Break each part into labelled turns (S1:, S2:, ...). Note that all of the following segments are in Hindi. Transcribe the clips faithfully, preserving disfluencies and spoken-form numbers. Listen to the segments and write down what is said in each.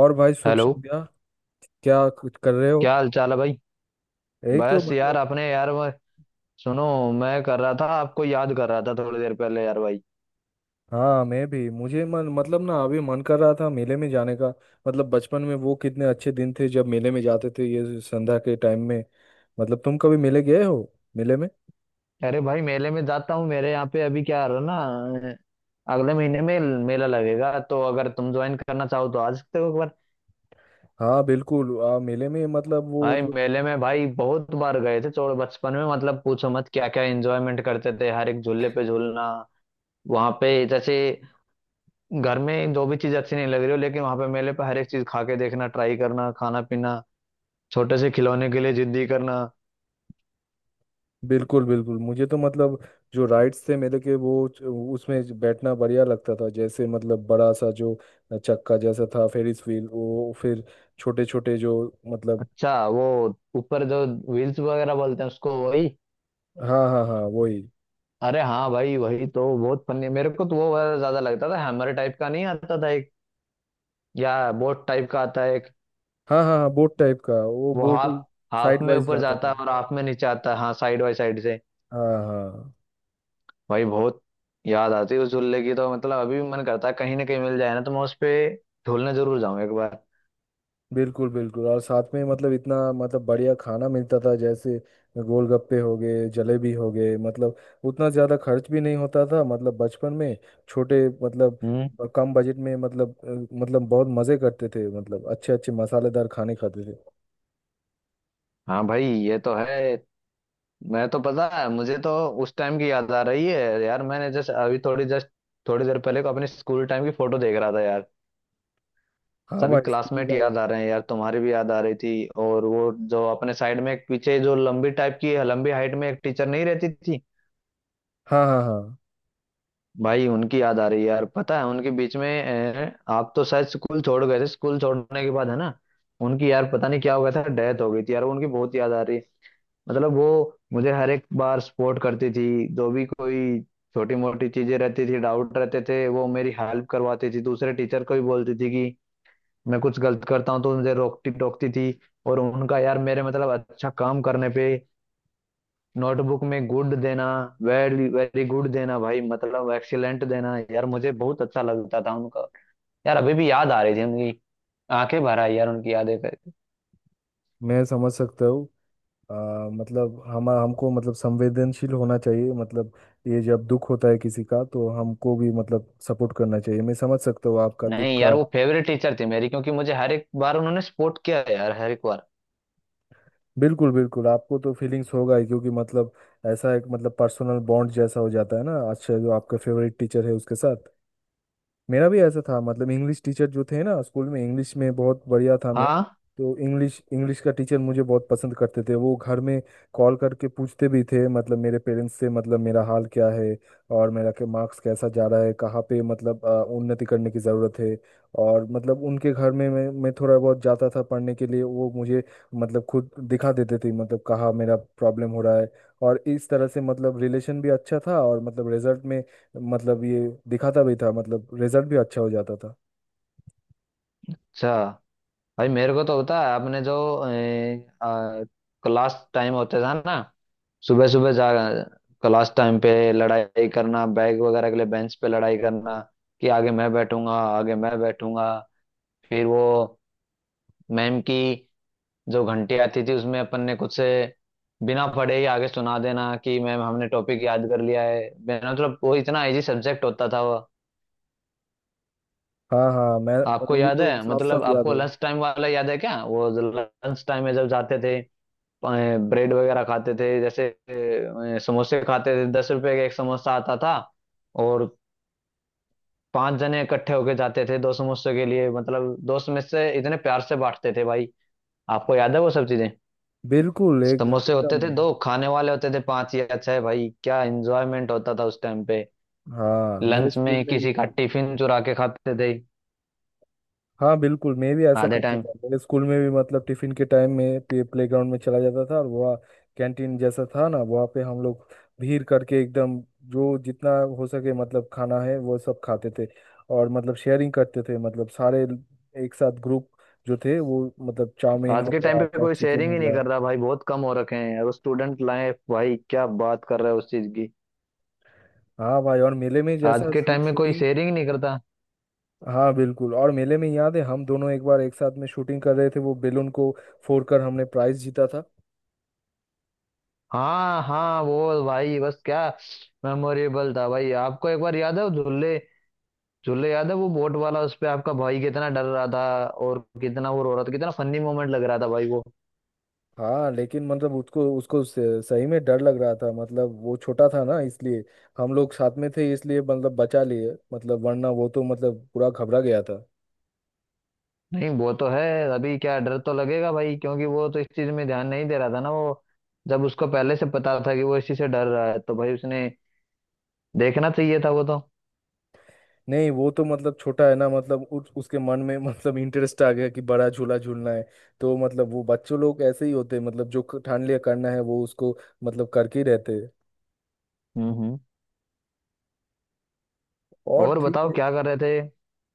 S1: और भाई, शुभ
S2: हेलो।
S1: संध्या। क्या कुछ कर रहे हो?
S2: क्या हाल चाल है भाई।
S1: यही तो
S2: बस यार
S1: मतलब।
S2: अपने यार वो सुनो। मैं कर रहा था आपको याद कर रहा था थोड़ी देर पहले यार भाई।
S1: हाँ, मैं भी, मुझे मन, मतलब ना, अभी मन कर रहा था मेले में जाने का। मतलब बचपन में वो कितने अच्छे दिन थे, जब मेले में जाते थे ये संध्या के टाइम में। मतलब तुम कभी मेले गए हो? मेले में।
S2: अरे भाई मेले में जाता हूँ। मेरे यहाँ पे अभी क्या रहा ना, अगले महीने में मेला लगेगा, तो अगर तुम ज्वाइन करना चाहो तो आ सकते हो एक बार।
S1: हाँ बिल्कुल। आ, मेले में मतलब वो
S2: भाई
S1: जो।
S2: मेले में भाई बहुत बार गए थे छोड़ बचपन में, मतलब पूछो मत क्या क्या एंजॉयमेंट करते थे। हर एक झूले पे झूलना, वहां पे जैसे घर में जो भी चीज अच्छी नहीं लग रही हो, लेकिन वहां पे मेले पे हर एक चीज खा के देखना, ट्राई करना, खाना पीना, छोटे से खिलौने के लिए जिद्दी करना।
S1: बिल्कुल बिल्कुल, मुझे तो मतलब। जो राइड्स थे मेले के, वो। उसमें ज- बैठना बढ़िया लगता था, जैसे मतलब बड़ा सा जो। चक्का जैसा था, फेरिस व्हील, वो फिर। छोटे छोटे जो। मतलब।
S2: अच्छा वो ऊपर जो व्हील्स वगैरह बोलते हैं उसको, वही।
S1: हाँ हाँ हाँ, वही।
S2: अरे हाँ भाई वही तो। बहुत फनी मेरे को तो वो वाला ज्यादा लगता था। हैमर टाइप का नहीं आता था एक, या बोट टाइप का आता है एक,
S1: हाँ हाँ हाँ, बोट टाइप का, वो
S2: वो
S1: बोट।
S2: हाफ हाफ
S1: साइड
S2: में
S1: वाइज
S2: ऊपर
S1: जाता
S2: जाता
S1: था।
S2: है और हाफ में नीचे आता है। हाँ साइड बाई साइड से।
S1: हाँ हाँ।
S2: भाई बहुत याद आती है उस झूले की। तो मतलब अभी भी मन करता है कहीं ना कहीं मिल जाए ना तो मैं उस पे झूलने जरूर जाऊँ एक बार।
S1: बिल्कुल बिल्कुल। और साथ में मतलब इतना मतलब बढ़िया खाना मिलता था, जैसे। गोलगप्पे हो गए, जलेबी हो गए, मतलब। उतना ज़्यादा खर्च भी नहीं होता था मतलब बचपन में। छोटे मतलब।
S2: हम्म
S1: ब- कम बजट में, मतलब अ, मतलब बहुत मज़े करते थे, मतलब अच्छे अच्छे मसालेदार खाने खाते थे।
S2: हाँ भाई ये तो है। मैं तो, पता है मुझे तो उस टाइम की याद आ रही है यार। मैंने जस्ट अभी थोड़ी जस्ट थोड़ी देर पहले को अपने स्कूल टाइम की फोटो देख रहा था यार।
S1: हाँ
S2: सभी
S1: भाई, स्कूल
S2: क्लासमेट
S1: लाइफ।
S2: याद आ रहे हैं यार, तुम्हारी भी याद आ रही थी। और वो जो अपने साइड में एक पीछे जो लंबी टाइप की लंबी हाइट में एक टीचर नहीं रहती थी,
S1: हाँ हाँ हाँ।
S2: भाई उनकी याद आ रही है यार। पता है उनके बीच में, अ, आप तो शायद स्कूल छोड़ गए थे, स्कूल छोड़ने के बाद है ना, उनकी, यार पता नहीं क्या हो गया था, डेथ हो गई थी यार। उनकी बहुत याद आ रही है। मतलब वो मुझे हर एक बार सपोर्ट करती थी। जो भी कोई छोटी मोटी चीजें रहती थी, डाउट रहते थे, वो मेरी हेल्प करवाती थी। दूसरे टीचर को भी बोलती थी कि, मैं कुछ गलत करता हूँ तो मुझे रोकती टोकती थी। और उनका यार मेरे मतलब अच्छा काम करने पे नोटबुक में गुड देना, वेरी वेरी गुड देना, भाई मतलब एक्सीलेंट देना यार, मुझे बहुत अच्छा लगता था उनका। यार अभी भी याद आ रही थी उनकी, आंखें भर आई यार उनकी यादें करके।
S1: मैं समझ सकता हूँ। अ, मतलब हम हमको मतलब संवेदनशील होना चाहिए, मतलब। ये जब दुख होता है किसी का, तो हमको भी मतलब सपोर्ट करना चाहिए। मैं समझ सकता हूँ आपका दुख
S2: नहीं यार
S1: का।
S2: वो फेवरेट टीचर थी मेरी, क्योंकि मुझे हर एक बार उन्होंने सपोर्ट किया है यार, हर एक बार।
S1: बिल्कुल बिल्कुल। आपको तो फीलिंग्स होगा ही, क्योंकि मतलब। ऐसा एक मतलब पर्सनल बॉन्ड जैसा हो जाता है ना, अच्छा, जो आपका फेवरेट टीचर है उसके साथ। मेरा भी ऐसा था, मतलब इंग्लिश टीचर जो थे ना स्कूल में, इंग्लिश में बहुत बढ़िया था मैं।
S2: हाँ,
S1: तो इंग्लिश इंग्लिश का टीचर मुझे बहुत पसंद करते थे। वो घर में। कॉल करके पूछते भी थे, मतलब मेरे पेरेंट्स से, मतलब मेरा हाल क्या है। और मेरा के मार्क्स कैसा जा रहा है, कहाँ पे मतलब अ, उन्नति करने की ज़रूरत है। और मतलब उनके घर में मैं मैं थोड़ा बहुत जाता था पढ़ने के लिए, वो मुझे। मतलब खुद दिखा देते थे, मतलब कहाँ मेरा प्रॉब्लम हो रहा है। और इस तरह से मतलब रिलेशन भी अच्छा था, और मतलब रिजल्ट में। मतलब ये। दिखाता भी था, मतलब रिजल्ट भी अच्छा हो जाता था।
S2: अच्छा। भाई मेरे को तो होता है आपने जो क्लास टाइम होते था ना, सुबह सुबह जा क्लास टाइम पे लड़ाई करना, बैग वगैरह के लिए बेंच पे लड़ाई करना कि आगे मैं बैठूंगा, आगे मैं बैठूंगा। फिर वो मैम की जो घंटी आती थी उसमें अपन ने कुछ से बिना पढ़े ही आगे सुना देना कि मैम हमने टॉपिक याद कर लिया है, बिना मतलब। वो इतना इजी सब्जेक्ट होता था वो।
S1: हाँ हाँ, मैं।
S2: आपको
S1: मुझे
S2: याद
S1: तो
S2: है,
S1: साफ
S2: मतलब
S1: साफ याद
S2: आपको
S1: है।
S2: लंच टाइम वाला याद है क्या? वो लंच टाइम में जब जाते थे, ब्रेड वगैरह खाते थे जैसे, अ, समोसे खाते थे, दस रुपए का एक समोसा आता था, और पांच जने इकट्ठे होके जाते थे दो समोसे के लिए, मतलब दोस्त में से इतने प्यार से बांटते थे भाई। आपको याद है वो सब चीजें?
S1: बिल्कुल, एक
S2: समोसे होते
S1: एकदम।
S2: थे दो, खाने वाले होते थे पांच या छह। भाई क्या एंजॉयमेंट होता था उस टाइम पे।
S1: हाँ, मेरे
S2: लंच
S1: स्कूल
S2: में
S1: में भी
S2: किसी का
S1: है।
S2: टिफिन चुरा के खाते थे
S1: हाँ बिल्कुल, मैं भी ऐसा
S2: आधे
S1: करता
S2: टाइम।
S1: था मेरे स्कूल में भी। मतलब टिफिन के टाइम में प्ले ग्राउंड में चला जाता था, और वहाँ। कैंटीन जैसा था ना, वहाँ पे हम लोग। भीड़ करके एकदम। जो जितना। हो सके मतलब खाना है, वो सब खाते थे। और मतलब शेयरिंग करते थे, मतलब सारे। एक साथ, ग्रुप। जो थे वो, मतलब चाउमीन
S2: आज
S1: हो
S2: के टाइम
S1: गया
S2: पे
S1: आपका,
S2: कोई
S1: चिकन
S2: शेयरिंग
S1: हो
S2: ही नहीं
S1: गया।
S2: कर रहा भाई, बहुत कम हो रखे हैं। और स्टूडेंट लाइफ भाई, क्या बात कर रहा है उस चीज की,
S1: हाँ भाई। और मेले में
S2: आज
S1: जैसा
S2: के
S1: शू,
S2: टाइम में कोई
S1: शूटिंग।
S2: शेयरिंग नहीं करता।
S1: हाँ बिल्कुल, और मेले में याद है, हम दोनों एक बार एक साथ में शूटिंग कर रहे थे, वो बेलून को। फोड़कर हमने प्राइज जीता था।
S2: हाँ हाँ वो भाई, बस क्या मेमोरेबल था भाई। आपको एक बार याद है वो झूले, झूले याद है वो बोट वाला, उस पे आपका भाई कितना डर रहा था, और कितना वो रो रहा था, कितना फनी मोमेंट लग रहा था भाई वो।
S1: हाँ, लेकिन मतलब उसको उसको स- सही में डर लग रहा था, मतलब वो छोटा था ना इसलिए। हम लोग साथ में थे इसलिए मतलब बचा लिए, मतलब वरना वो तो मतलब पूरा घबरा गया था।
S2: नहीं वो तो है, अभी क्या डर तो लगेगा भाई, क्योंकि वो तो इस चीज में ध्यान नहीं दे रहा था ना वो। जब उसको पहले से पता था कि वो इस चीज से डर रहा है, तो भाई उसने देखना चाहिए था वो तो।
S1: नहीं, वो तो मतलब छोटा है ना, मतलब उस, उसके मन में मतलब इंटरेस्ट आ गया कि बड़ा झूला झूलना है। तो मतलब वो बच्चों लोग ऐसे ही होते हैं, मतलब जो क- ठान लिया करना है वो उसको। मतलब करके ही रहते हैं।
S2: हम्म हम्म
S1: और
S2: और
S1: ठीक
S2: बताओ
S1: है।
S2: क्या कर रहे थे।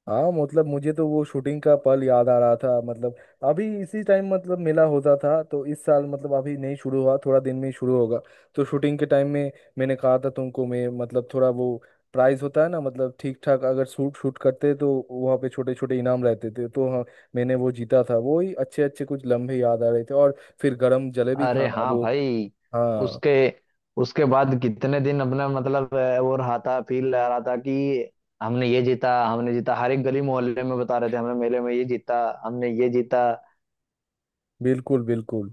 S1: हाँ, मतलब मुझे तो वो शूटिंग का पल याद आ रहा था, मतलब। अभी इसी टाइम मतलब मेला होता था, तो इस साल मतलब अभी नहीं शुरू हुआ, थोड़ा दिन में ही शुरू होगा। तो शूटिंग के टाइम में। मैंने कहा था तुमको, मैं मतलब थोड़ा वो। प्राइज होता है ना, मतलब ठीक ठाक अगर शूट शूट करते तो वहाँ पे छोटे छोटे इनाम रहते थे, तो हाँ। मैंने वो जीता था, वो ही अच्छे अच्छे कुछ लम्हे याद आ रहे थे, और फिर गरम जलेबी
S2: अरे
S1: खाना,
S2: हाँ
S1: वो।
S2: भाई।
S1: हाँ।
S2: उसके उसके बाद कितने दिन अपना मतलब, अ, वो रहा था, फील आ रहा था कि हमने ये जीता, हमने जीता, हर एक गली मोहल्ले में बता रहे थे, हमने मेले में ये जीता, हमने ये जीता।
S1: बिल्कुल बिल्कुल।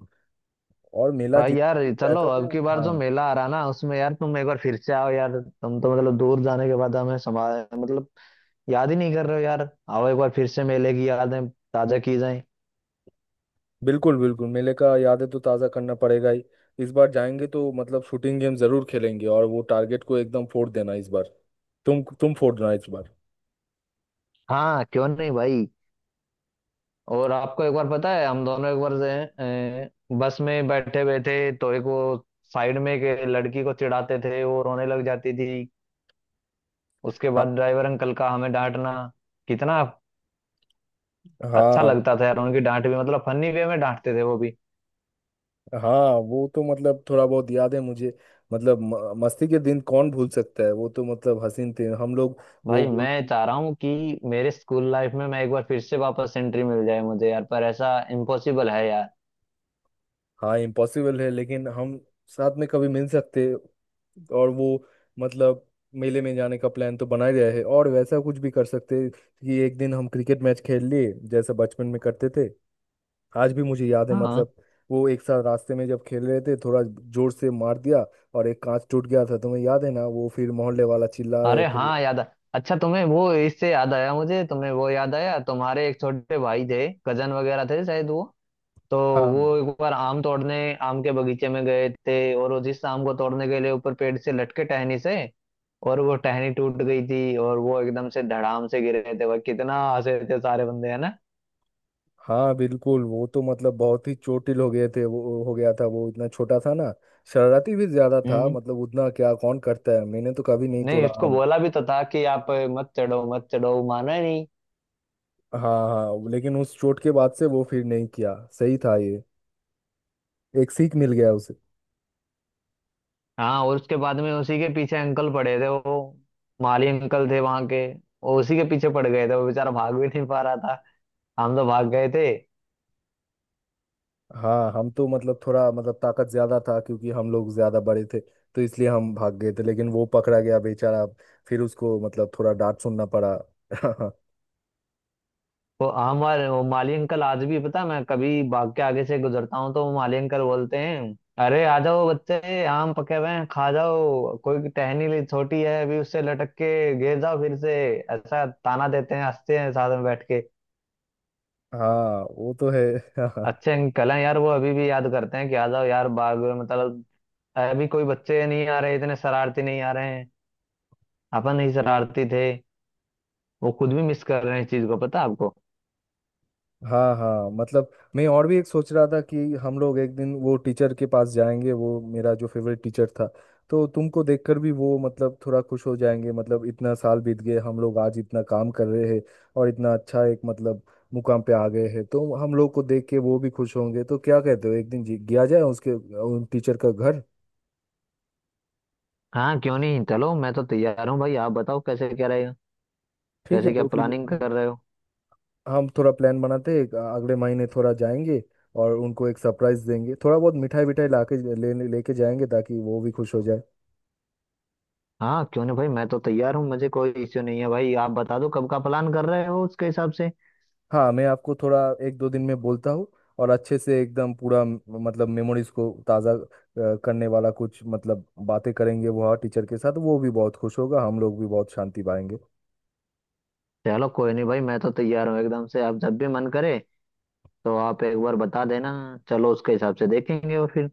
S1: और मेला
S2: भाई यार
S1: जितना भी
S2: चलो,
S1: रहता
S2: अब
S1: था,
S2: की बार जो
S1: हाँ।
S2: मेला आ रहा ना उसमें यार तुम एक बार फिर से आओ यार। तुम तो मतलब दूर जाने के बाद हमें समा मतलब याद ही नहीं कर रहे हो यार। आओ एक बार फिर से मेले की यादें ताजा की जाए।
S1: बिल्कुल बिल्कुल, मेले का यादें तो ताज़ा करना पड़ेगा ही। इस बार जाएंगे तो मतलब शूटिंग गेम जरूर खेलेंगे, और वो टारगेट को एकदम फोड़ देना इस बार। तुम तुम फोड़ देना इस बार।
S2: हाँ क्यों नहीं भाई। और आपको एक बार पता है, हम दोनों एक बार से, अ, बस में बैठे हुए थे तो एक वो साइड में एक लड़की को चिढ़ाते थे, वो रोने लग जाती थी। उसके
S1: हाँ
S2: बाद ड्राइवर अंकल का हमें डांटना, कितना अच्छा
S1: हाँ
S2: लगता था यार उनकी डांट भी, मतलब फनी वे में डांटते थे वो भी।
S1: हाँ। वो तो मतलब थोड़ा बहुत याद है मुझे। मतलब म- मस्ती के दिन कौन भूल सकता है! वो तो मतलब हसीन थे, हम लोग। वो
S2: भाई
S1: वो-
S2: मैं चाह रहा हूँ कि मेरे स्कूल लाइफ में मैं एक बार फिर से वापस एंट्री मिल जाए मुझे यार, पर ऐसा इम्पॉसिबल है यार।
S1: हाँ इम्पॉसिबल है, लेकिन हम। साथ में कभी मिल सकते। और वो। मतलब। मेले में जाने का प्लान तो बना ही रहा है, और वैसा कुछ भी कर सकते हैं, कि एक दिन हम क्रिकेट मैच खेल लिए जैसे बचपन में करते थे। आज भी मुझे याद है,
S2: हाँ।
S1: मतलब। वो एक साथ रास्ते में जब खेल रहे थे, थोड़ा। जोर से मार दिया। और एक कांच टूट गया था, तुम्हें याद है ना, वो फिर मोहल्ले वाला चिल्ला रहे
S2: अरे
S1: थे।
S2: हाँ याद आ अच्छा तुम्हें वो इससे याद आया। मुझे तुम्हें वो याद आया, तुम्हारे एक छोटे भाई थे, कजन वगैरह थे शायद वो, तो
S1: हाँ
S2: वो एक बार आम तोड़ने आम के बगीचे में गए थे, और वो जिस आम को तोड़ने के लिए ऊपर पेड़ से लटके टहनी से, और वो टहनी टूट गई थी और वो एकदम से धड़ाम से गिर रहे थे, वह कितना हंसे थे सारे बंदे है ना।
S1: हाँ। बिल्कुल, वो तो मतलब बहुत ही चोटिल हो गए थे। वो हो गया था, वो इतना छोटा था ना। शरारती भी ज्यादा था,
S2: हम्म।
S1: मतलब उतना क्या, कौन करता है! मैंने तो कभी नहीं
S2: नहीं
S1: तोड़ा।
S2: उसको बोला भी तो था कि आप मत चढ़ो, मत चढ़ो, वो माना ही नहीं।
S1: हाँ हाँ, लेकिन उस चोट के बाद से वो फिर नहीं किया, सही था ये। एक सीख मिल गया उसे।
S2: हाँ। और उसके बाद में उसी के पीछे अंकल पड़े थे, वो माली अंकल थे वहां के, वो उसी के पीछे पड़ गए थे, वो बेचारा भाग भी नहीं पा रहा था, हम तो भाग गए थे।
S1: हाँ, हम तो मतलब थोड़ा मतलब ताकत ज्यादा था, क्योंकि हम लोग ज्यादा बड़े थे। तो इसलिए हम भाग गए थे, लेकिन वो पकड़ा गया बेचारा। फिर उसको मतलब थोड़ा डांट सुनना पड़ा।
S2: वो हमारे वो माली अंकल आज भी, पता है, मैं कभी बाग के आगे से गुजरता हूँ तो वो माली अंकल बोलते हैं, अरे आ जाओ बच्चे, आम पके हुए हैं खा जाओ, कोई टहनी ली छोटी है अभी, उससे लटक के गिर जाओ फिर से। ऐसा ताना देते हैं, हंसते हैं साथ में बैठ के।
S1: हाँ, वो तो है।
S2: अच्छे अंकल हैं यार, वो अभी भी याद करते हैं कि आ जाओ यार बाग में, मतलब अभी कोई बच्चे नहीं आ रहे, इतने शरारती नहीं आ रहे हैं, अपन ही शरारती थे। वो खुद भी मिस कर रहे हैं इस चीज को, पता है आपको।
S1: हाँ हाँ मतलब। मैं और भी एक सोच रहा था, कि हम लोग एक दिन वो टीचर के पास जाएंगे, वो मेरा जो फेवरेट टीचर था। तो तुमको देखकर भी वो मतलब थोड़ा खुश हो जाएंगे, मतलब इतना साल बीत गए, हम लोग आज इतना काम कर रहे हैं। और इतना अच्छा एक, मतलब। मुकाम पे आ गए हैं, तो हम लोग को देख के वो भी खुश होंगे। तो क्या कहते हो, एक दिन जी- गया जाए उसके, उन टीचर का घर।
S2: हाँ क्यों नहीं, चलो मैं तो तैयार हूँ भाई, आप बताओ कैसे क्या रहेगा,
S1: ठीक है,
S2: कैसे क्या
S1: तो फिर
S2: प्लानिंग
S1: हम।
S2: कर रहे हो।
S1: हम थोड़ा प्लान बनाते हैं, अगले महीने थोड़ा जाएंगे। और उनको एक सरप्राइज देंगे, थोड़ा बहुत मिठाई विठाई लाके। ले लेके जाएंगे, ताकि वो भी खुश हो जाए।
S2: हाँ क्यों नहीं भाई, मैं तो तैयार हूँ, मुझे कोई इश्यू नहीं है भाई, आप बता दो कब का प्लान कर रहे हो, उसके हिसाब से।
S1: हाँ मैं आपको थोड़ा। एक दो दिन में बोलता हूँ। और अच्छे से एकदम पूरा म- मतलब मेमोरीज को ताज़ा अ, करने वाला कुछ, मतलब बातें करेंगे वह टीचर के साथ। वो भी बहुत खुश होगा, हम लोग भी बहुत शांति पाएंगे।
S2: चलो कोई नहीं भाई, मैं तो तैयार हूँ एकदम से, आप जब भी मन करे तो आप एक बार बता देना, चलो उसके हिसाब से देखेंगे और फिर।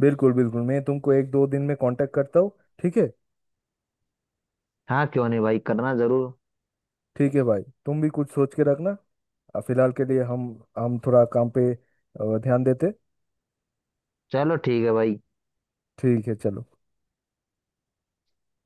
S1: बिल्कुल बिल्कुल, मैं तुमको एक दो दिन में कांटेक्ट करता हूँ। ठीक है।
S2: हाँ क्यों नहीं भाई, करना जरूर।
S1: ठीक है भाई, तुम भी कुछ सोच के रखना। अ, फिलहाल के लिए हम। हम थोड़ा काम पे अ, ध्यान देते।
S2: चलो ठीक है भाई।
S1: ठीक है, चलो।